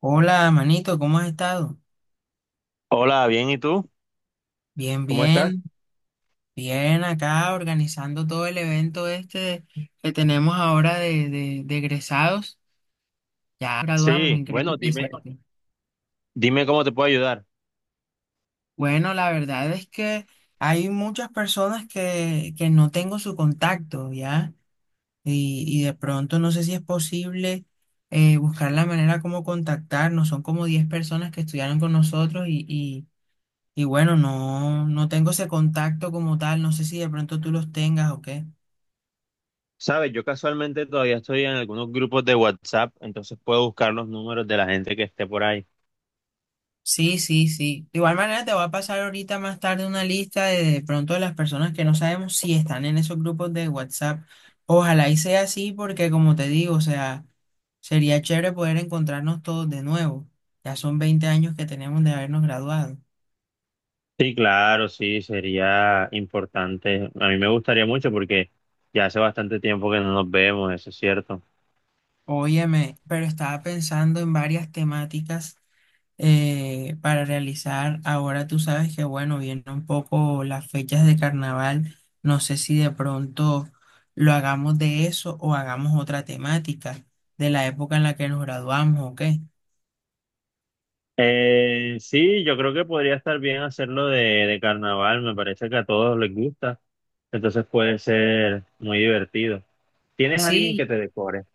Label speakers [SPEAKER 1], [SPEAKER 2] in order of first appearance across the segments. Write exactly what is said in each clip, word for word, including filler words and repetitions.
[SPEAKER 1] Hola, manito, ¿cómo has estado?
[SPEAKER 2] Hola, bien, ¿y tú?
[SPEAKER 1] Bien,
[SPEAKER 2] ¿Cómo estás?
[SPEAKER 1] bien, bien acá organizando todo el evento este que tenemos ahora de, de, de egresados. Ya graduamos,
[SPEAKER 2] Sí, bueno,
[SPEAKER 1] increíble.
[SPEAKER 2] dime,
[SPEAKER 1] ¿Cierto?
[SPEAKER 2] dime cómo te puedo ayudar.
[SPEAKER 1] Bueno, la verdad es que hay muchas personas que, que no tengo su contacto, ¿ya? Y, y de pronto no sé si es posible eh, buscar la manera como contactarnos. Son como diez personas que estudiaron con nosotros y Y bueno, no, no tengo ese contacto como tal, no sé si de pronto tú los tengas o qué.
[SPEAKER 2] Sabes, yo casualmente todavía estoy en algunos grupos de WhatsApp, entonces puedo buscar los números de la gente que esté por ahí.
[SPEAKER 1] Sí, sí, sí. De igual manera te voy a pasar ahorita más tarde una lista de, de pronto de las personas que no sabemos si están en esos grupos de WhatsApp. Ojalá y sea así porque como te digo, o sea, sería chévere poder encontrarnos todos de nuevo. Ya son veinte años que tenemos de habernos graduado.
[SPEAKER 2] Sí, claro, sí, sería importante. A mí me gustaría mucho porque ya hace bastante tiempo que no nos vemos, eso es cierto.
[SPEAKER 1] Óyeme, pero estaba pensando en varias temáticas eh, para realizar. Ahora tú sabes que, bueno, vienen un poco las fechas de carnaval. No sé si de pronto lo hagamos de eso o hagamos otra temática de la época en la que nos graduamos o qué.
[SPEAKER 2] Eh, sí, yo creo que podría estar bien hacerlo de, de carnaval, me parece que a todos les gusta, entonces puede ser muy divertido. ¿Tienes alguien que
[SPEAKER 1] Sí,
[SPEAKER 2] te decore?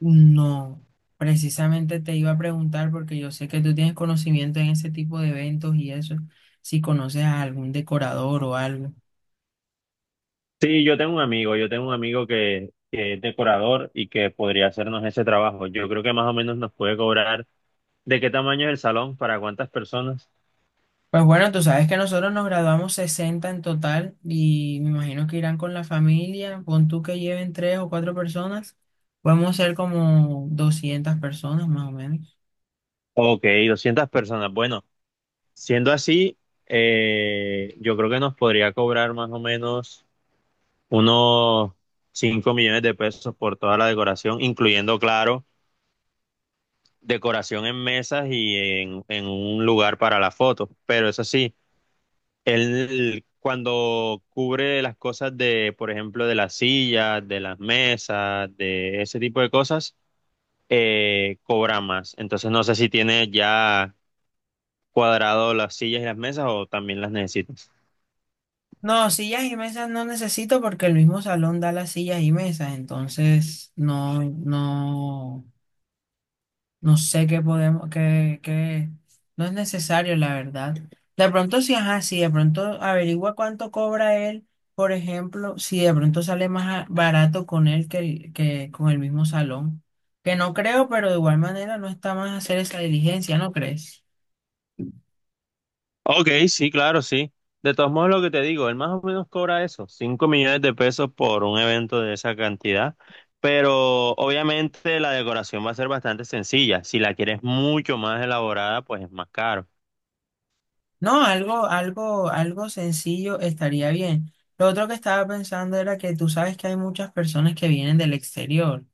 [SPEAKER 1] no. Precisamente te iba a preguntar porque yo sé que tú tienes conocimiento en ese tipo de eventos y eso, si conoces a algún decorador o algo.
[SPEAKER 2] Sí, yo tengo un amigo, yo tengo un amigo que, que es decorador y que podría hacernos ese trabajo. Yo creo que más o menos nos puede cobrar de qué tamaño es el salón, para cuántas personas.
[SPEAKER 1] Pues bueno, tú sabes que nosotros nos graduamos sesenta en total y me imagino que irán con la familia, pon tú que lleven tres o cuatro personas, podemos ser como doscientas personas más o menos.
[SPEAKER 2] Ok, doscientas personas. Bueno, siendo así, eh, yo creo que nos podría cobrar más o menos unos cinco millones de pesos por toda la decoración, incluyendo, claro, decoración en mesas y en, en un lugar para la foto. Pero eso sí. Él cuando cubre las cosas de, por ejemplo, de las sillas, de las mesas, de ese tipo de cosas, eh, cobra más. Entonces no sé si tiene ya cuadrado las sillas y las mesas o también las necesitas.
[SPEAKER 1] No, sillas y mesas no necesito porque el mismo salón da las sillas y mesas, entonces no, no. No sé qué podemos, qué, qué, no es necesario, la verdad. De pronto sí, ajá, sí, de pronto averigua cuánto cobra él, por ejemplo, si de pronto sale más a- barato con él que, el- que con el mismo salón. Que no creo, pero de igual manera no está más hacer esa diligencia, ¿no crees?
[SPEAKER 2] Ok, sí, claro, sí. De todos modos, lo que te digo, él más o menos cobra eso, cinco millones de pesos por un evento de esa cantidad, pero obviamente la decoración va a ser bastante sencilla. Si la quieres mucho más elaborada, pues es más caro.
[SPEAKER 1] No, algo, algo, algo sencillo estaría bien. Lo otro que estaba pensando era que tú sabes que hay muchas personas que vienen del exterior.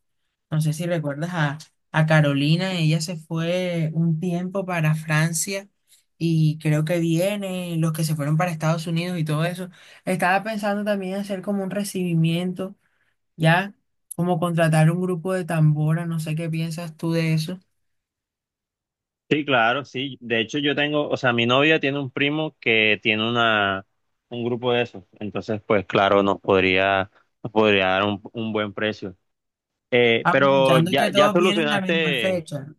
[SPEAKER 1] No sé si recuerdas a, a Carolina, ella se fue un tiempo para Francia y creo que viene, los que se fueron para Estados Unidos y todo eso. Estaba pensando también hacer como un recibimiento, ya, como contratar un grupo de tambora, no sé qué piensas tú de eso.
[SPEAKER 2] Sí, claro, sí. De hecho, yo tengo, o sea, mi novia tiene un primo que tiene una, un grupo de esos. Entonces, pues claro, nos podría, nos podría dar un, un buen precio. Eh, pero
[SPEAKER 1] Aprovechando que
[SPEAKER 2] ya, ya
[SPEAKER 1] todos vienen a la misma
[SPEAKER 2] solucionaste,
[SPEAKER 1] fecha.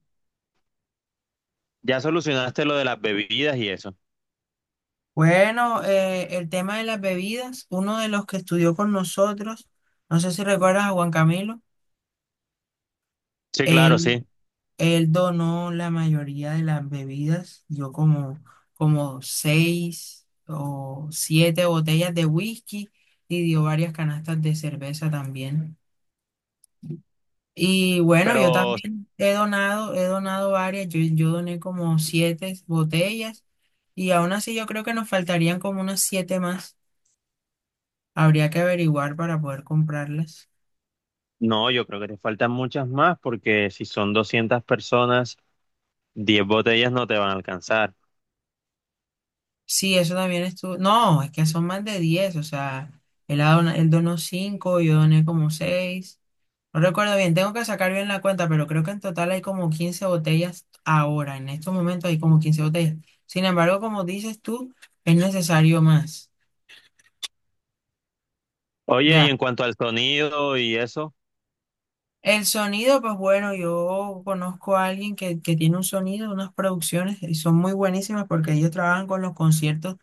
[SPEAKER 2] ya solucionaste lo de las bebidas y eso.
[SPEAKER 1] Bueno, eh, el tema de las bebidas, uno de los que estudió con nosotros, no sé si recuerdas a Juan Camilo.
[SPEAKER 2] Sí, claro,
[SPEAKER 1] él
[SPEAKER 2] sí.
[SPEAKER 1] Él donó la mayoría de las bebidas, dio como, como seis o siete botellas de whisky y dio varias canastas de cerveza también. Y bueno,
[SPEAKER 2] Pero
[SPEAKER 1] yo también he donado, he donado varias, yo, yo doné como siete botellas y aún así yo creo que nos faltarían como unas siete más. Habría que averiguar para poder comprarlas.
[SPEAKER 2] no, yo creo que te faltan muchas más porque si son doscientas personas, diez botellas no te van a alcanzar.
[SPEAKER 1] Sí, eso también estuvo. No, es que son más de diez, o sea, él, ha dona- él donó cinco, yo doné como seis. No recuerdo bien, tengo que sacar bien la cuenta, pero creo que en total hay como quince botellas ahora. En estos momentos hay como quince botellas. Sin embargo, como dices tú, es necesario más.
[SPEAKER 2] Oye, y
[SPEAKER 1] Ya.
[SPEAKER 2] en cuanto al sonido y eso.
[SPEAKER 1] El sonido, pues bueno, yo conozco a alguien que, que tiene un sonido, unas producciones y son muy buenísimas porque ellos trabajan con los conciertos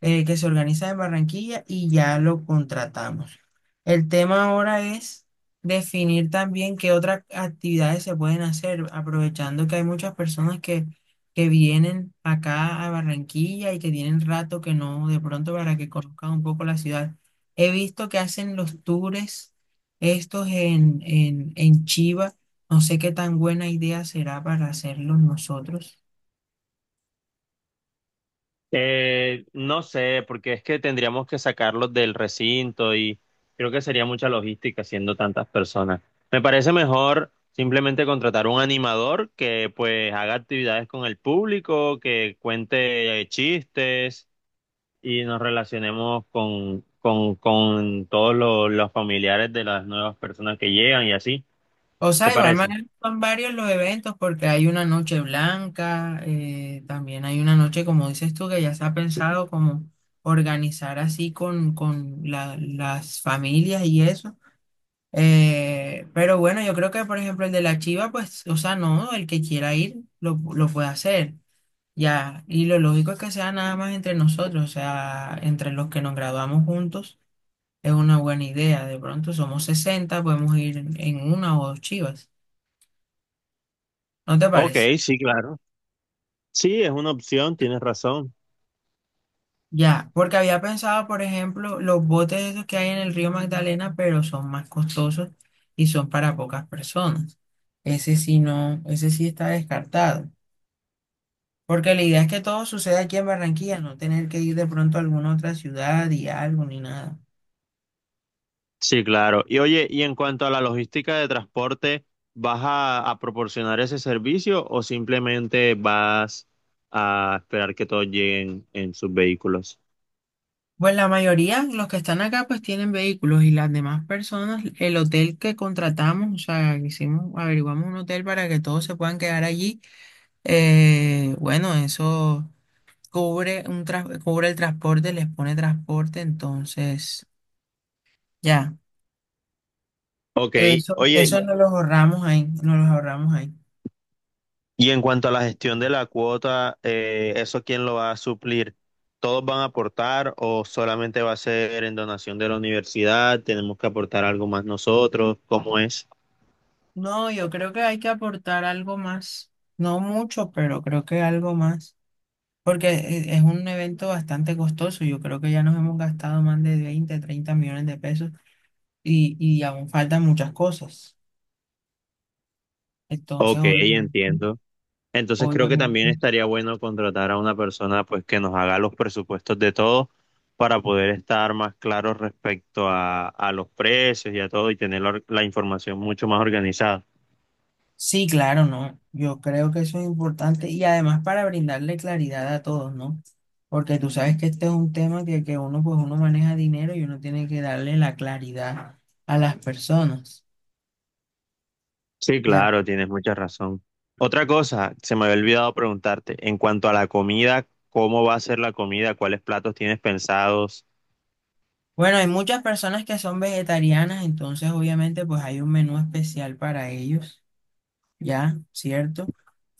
[SPEAKER 1] eh, que se organiza en Barranquilla y ya lo contratamos. El tema ahora es definir también qué otras actividades se pueden hacer, aprovechando que hay muchas personas que, que vienen acá a Barranquilla y que tienen rato que no, de pronto para que conozcan un poco la ciudad. He visto que hacen los tours estos en, en, en Chiva. No sé qué tan buena idea será para hacerlos nosotros.
[SPEAKER 2] Eh, no sé, porque es que tendríamos que sacarlos del recinto y creo que sería mucha logística siendo tantas personas. Me parece mejor simplemente contratar un animador que pues haga actividades con el público, que cuente eh, chistes y nos relacionemos con, con, con todos los, los familiares de las nuevas personas que llegan y así.
[SPEAKER 1] O
[SPEAKER 2] ¿Te
[SPEAKER 1] sea, igual
[SPEAKER 2] parece?
[SPEAKER 1] manera son varios los eventos porque hay una noche blanca, eh, también hay una noche, como dices tú, que ya se ha pensado como organizar así con, con la- las familias y eso. Eh, pero bueno, yo creo que por ejemplo el de la Chiva, pues, o sea, no, el que quiera ir lo, lo puede hacer. Ya, y lo lógico es que sea nada más entre nosotros, o sea, entre los que nos graduamos juntos, es una buena idea. De pronto somos sesenta, podemos ir en una o dos chivas. ¿No te
[SPEAKER 2] Ok,
[SPEAKER 1] parece?
[SPEAKER 2] sí, claro. Sí, es una opción, tienes razón.
[SPEAKER 1] Ya, porque había pensado, por ejemplo, los botes esos que hay en el río Magdalena, pero son más costosos y son para pocas personas. Ese sí no, ese sí está descartado. Porque la idea es que todo suceda aquí en Barranquilla, no tener que ir de pronto a alguna otra ciudad y algo ni nada.
[SPEAKER 2] Sí, claro. Y oye, y en cuanto a la logística de transporte, ¿vas a, a proporcionar ese servicio o simplemente vas a esperar que todos lleguen en sus vehículos?
[SPEAKER 1] Pues la mayoría, los que están acá, pues tienen vehículos y las demás personas, el hotel que contratamos, o sea, hicimos, averiguamos un hotel para que todos se puedan quedar allí. Eh, bueno, eso. Cubre un tras- cubre el transporte, les pone transporte, entonces ya,
[SPEAKER 2] Ok,
[SPEAKER 1] eso,
[SPEAKER 2] oye,
[SPEAKER 1] eso no los ahorramos ahí, no los ahorramos ahí.
[SPEAKER 2] y en cuanto a la gestión de la cuota, eh, ¿eso quién lo va a suplir? ¿Todos van a aportar o solamente va a ser en donación de la universidad? ¿Tenemos que aportar algo más nosotros? ¿Cómo es?
[SPEAKER 1] No, yo creo que hay que aportar algo más, no mucho, pero creo que algo más, porque e- es un evento bastante costoso, yo creo que ya nos hemos gastado más de veinte treinta millones de pesos y, y aún faltan muchas cosas, entonces
[SPEAKER 2] Ok,
[SPEAKER 1] obviamente,
[SPEAKER 2] entiendo. Entonces creo que también
[SPEAKER 1] obviamente
[SPEAKER 2] estaría bueno contratar a una persona pues que nos haga los presupuestos de todo para poder estar más claros respecto a, a los precios y a todo y tener la, or- la información mucho más organizada.
[SPEAKER 1] Sí, claro, ¿no? Yo creo que eso es importante y además para brindarle claridad a todos, ¿no? Porque tú sabes que este es un tema que, que uno, pues uno maneja dinero y uno tiene que darle la claridad a las personas,
[SPEAKER 2] Sí,
[SPEAKER 1] ¿ya?
[SPEAKER 2] claro, tienes mucha razón. Otra cosa, se me había olvidado preguntarte, en cuanto a la comida, ¿cómo va a ser la comida? ¿Cuáles platos tienes pensados?
[SPEAKER 1] Bueno, hay muchas personas que son vegetarianas, entonces obviamente pues hay un menú especial para ellos, ¿ya? ¿Cierto?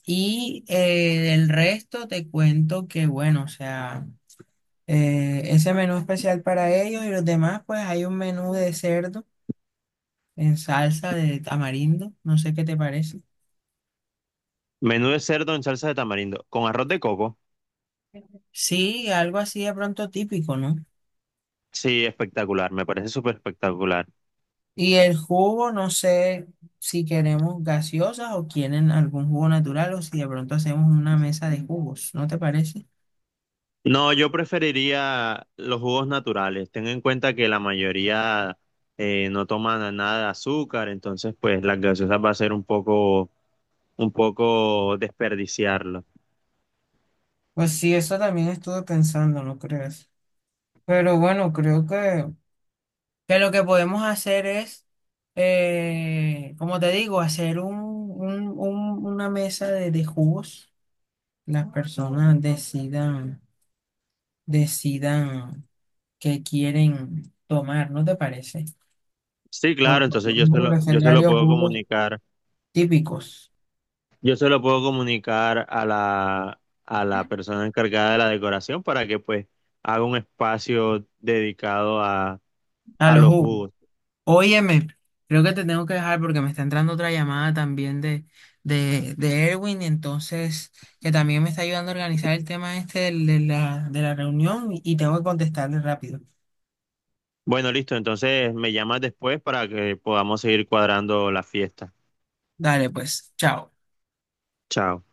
[SPEAKER 1] Y eh, del resto te cuento que, bueno, o sea, eh, ese menú especial para ellos y los demás, pues hay un menú de cerdo en salsa de tamarindo, no sé qué te parece.
[SPEAKER 2] Menú de cerdo en salsa de tamarindo, con arroz de coco.
[SPEAKER 1] Sí, algo así de pronto típico, ¿no?
[SPEAKER 2] Sí, espectacular, me parece súper espectacular.
[SPEAKER 1] Y el jugo, no sé si queremos gaseosas o quieren algún jugo natural o si de pronto hacemos una mesa de jugos, ¿no te parece?
[SPEAKER 2] No, yo preferiría los jugos naturales. Ten en cuenta que la mayoría eh, no toman nada de azúcar, entonces pues las gaseosas va a ser un poco, un poco desperdiciarlo.
[SPEAKER 1] Pues sí, eso también estuve pensando, ¿no crees? Pero bueno, creo que, que lo que podemos hacer es, eh, como te digo, hacer un, un- un- una mesa de, de jugos. Las personas decidan, decidan. que quieren tomar, ¿no te parece?
[SPEAKER 2] Sí, claro,
[SPEAKER 1] Porque
[SPEAKER 2] entonces yo se
[SPEAKER 1] podemos
[SPEAKER 2] lo,
[SPEAKER 1] hacer
[SPEAKER 2] yo se lo
[SPEAKER 1] varios
[SPEAKER 2] puedo
[SPEAKER 1] jugos
[SPEAKER 2] comunicar,
[SPEAKER 1] típicos
[SPEAKER 2] yo se lo puedo comunicar a la, a la persona encargada de la decoración para que pues haga un espacio dedicado a,
[SPEAKER 1] a
[SPEAKER 2] a
[SPEAKER 1] los
[SPEAKER 2] los
[SPEAKER 1] jugos.
[SPEAKER 2] jugos.
[SPEAKER 1] Óyeme, creo que te tengo que dejar porque me está entrando otra llamada también de, de, de Erwin, entonces, que también me está ayudando a organizar el tema este del- de la, de la reunión y y tengo que contestarle rápido.
[SPEAKER 2] Bueno, listo, entonces me llamas después para que podamos seguir cuadrando la fiesta.
[SPEAKER 1] Dale, pues, chao.
[SPEAKER 2] Chao.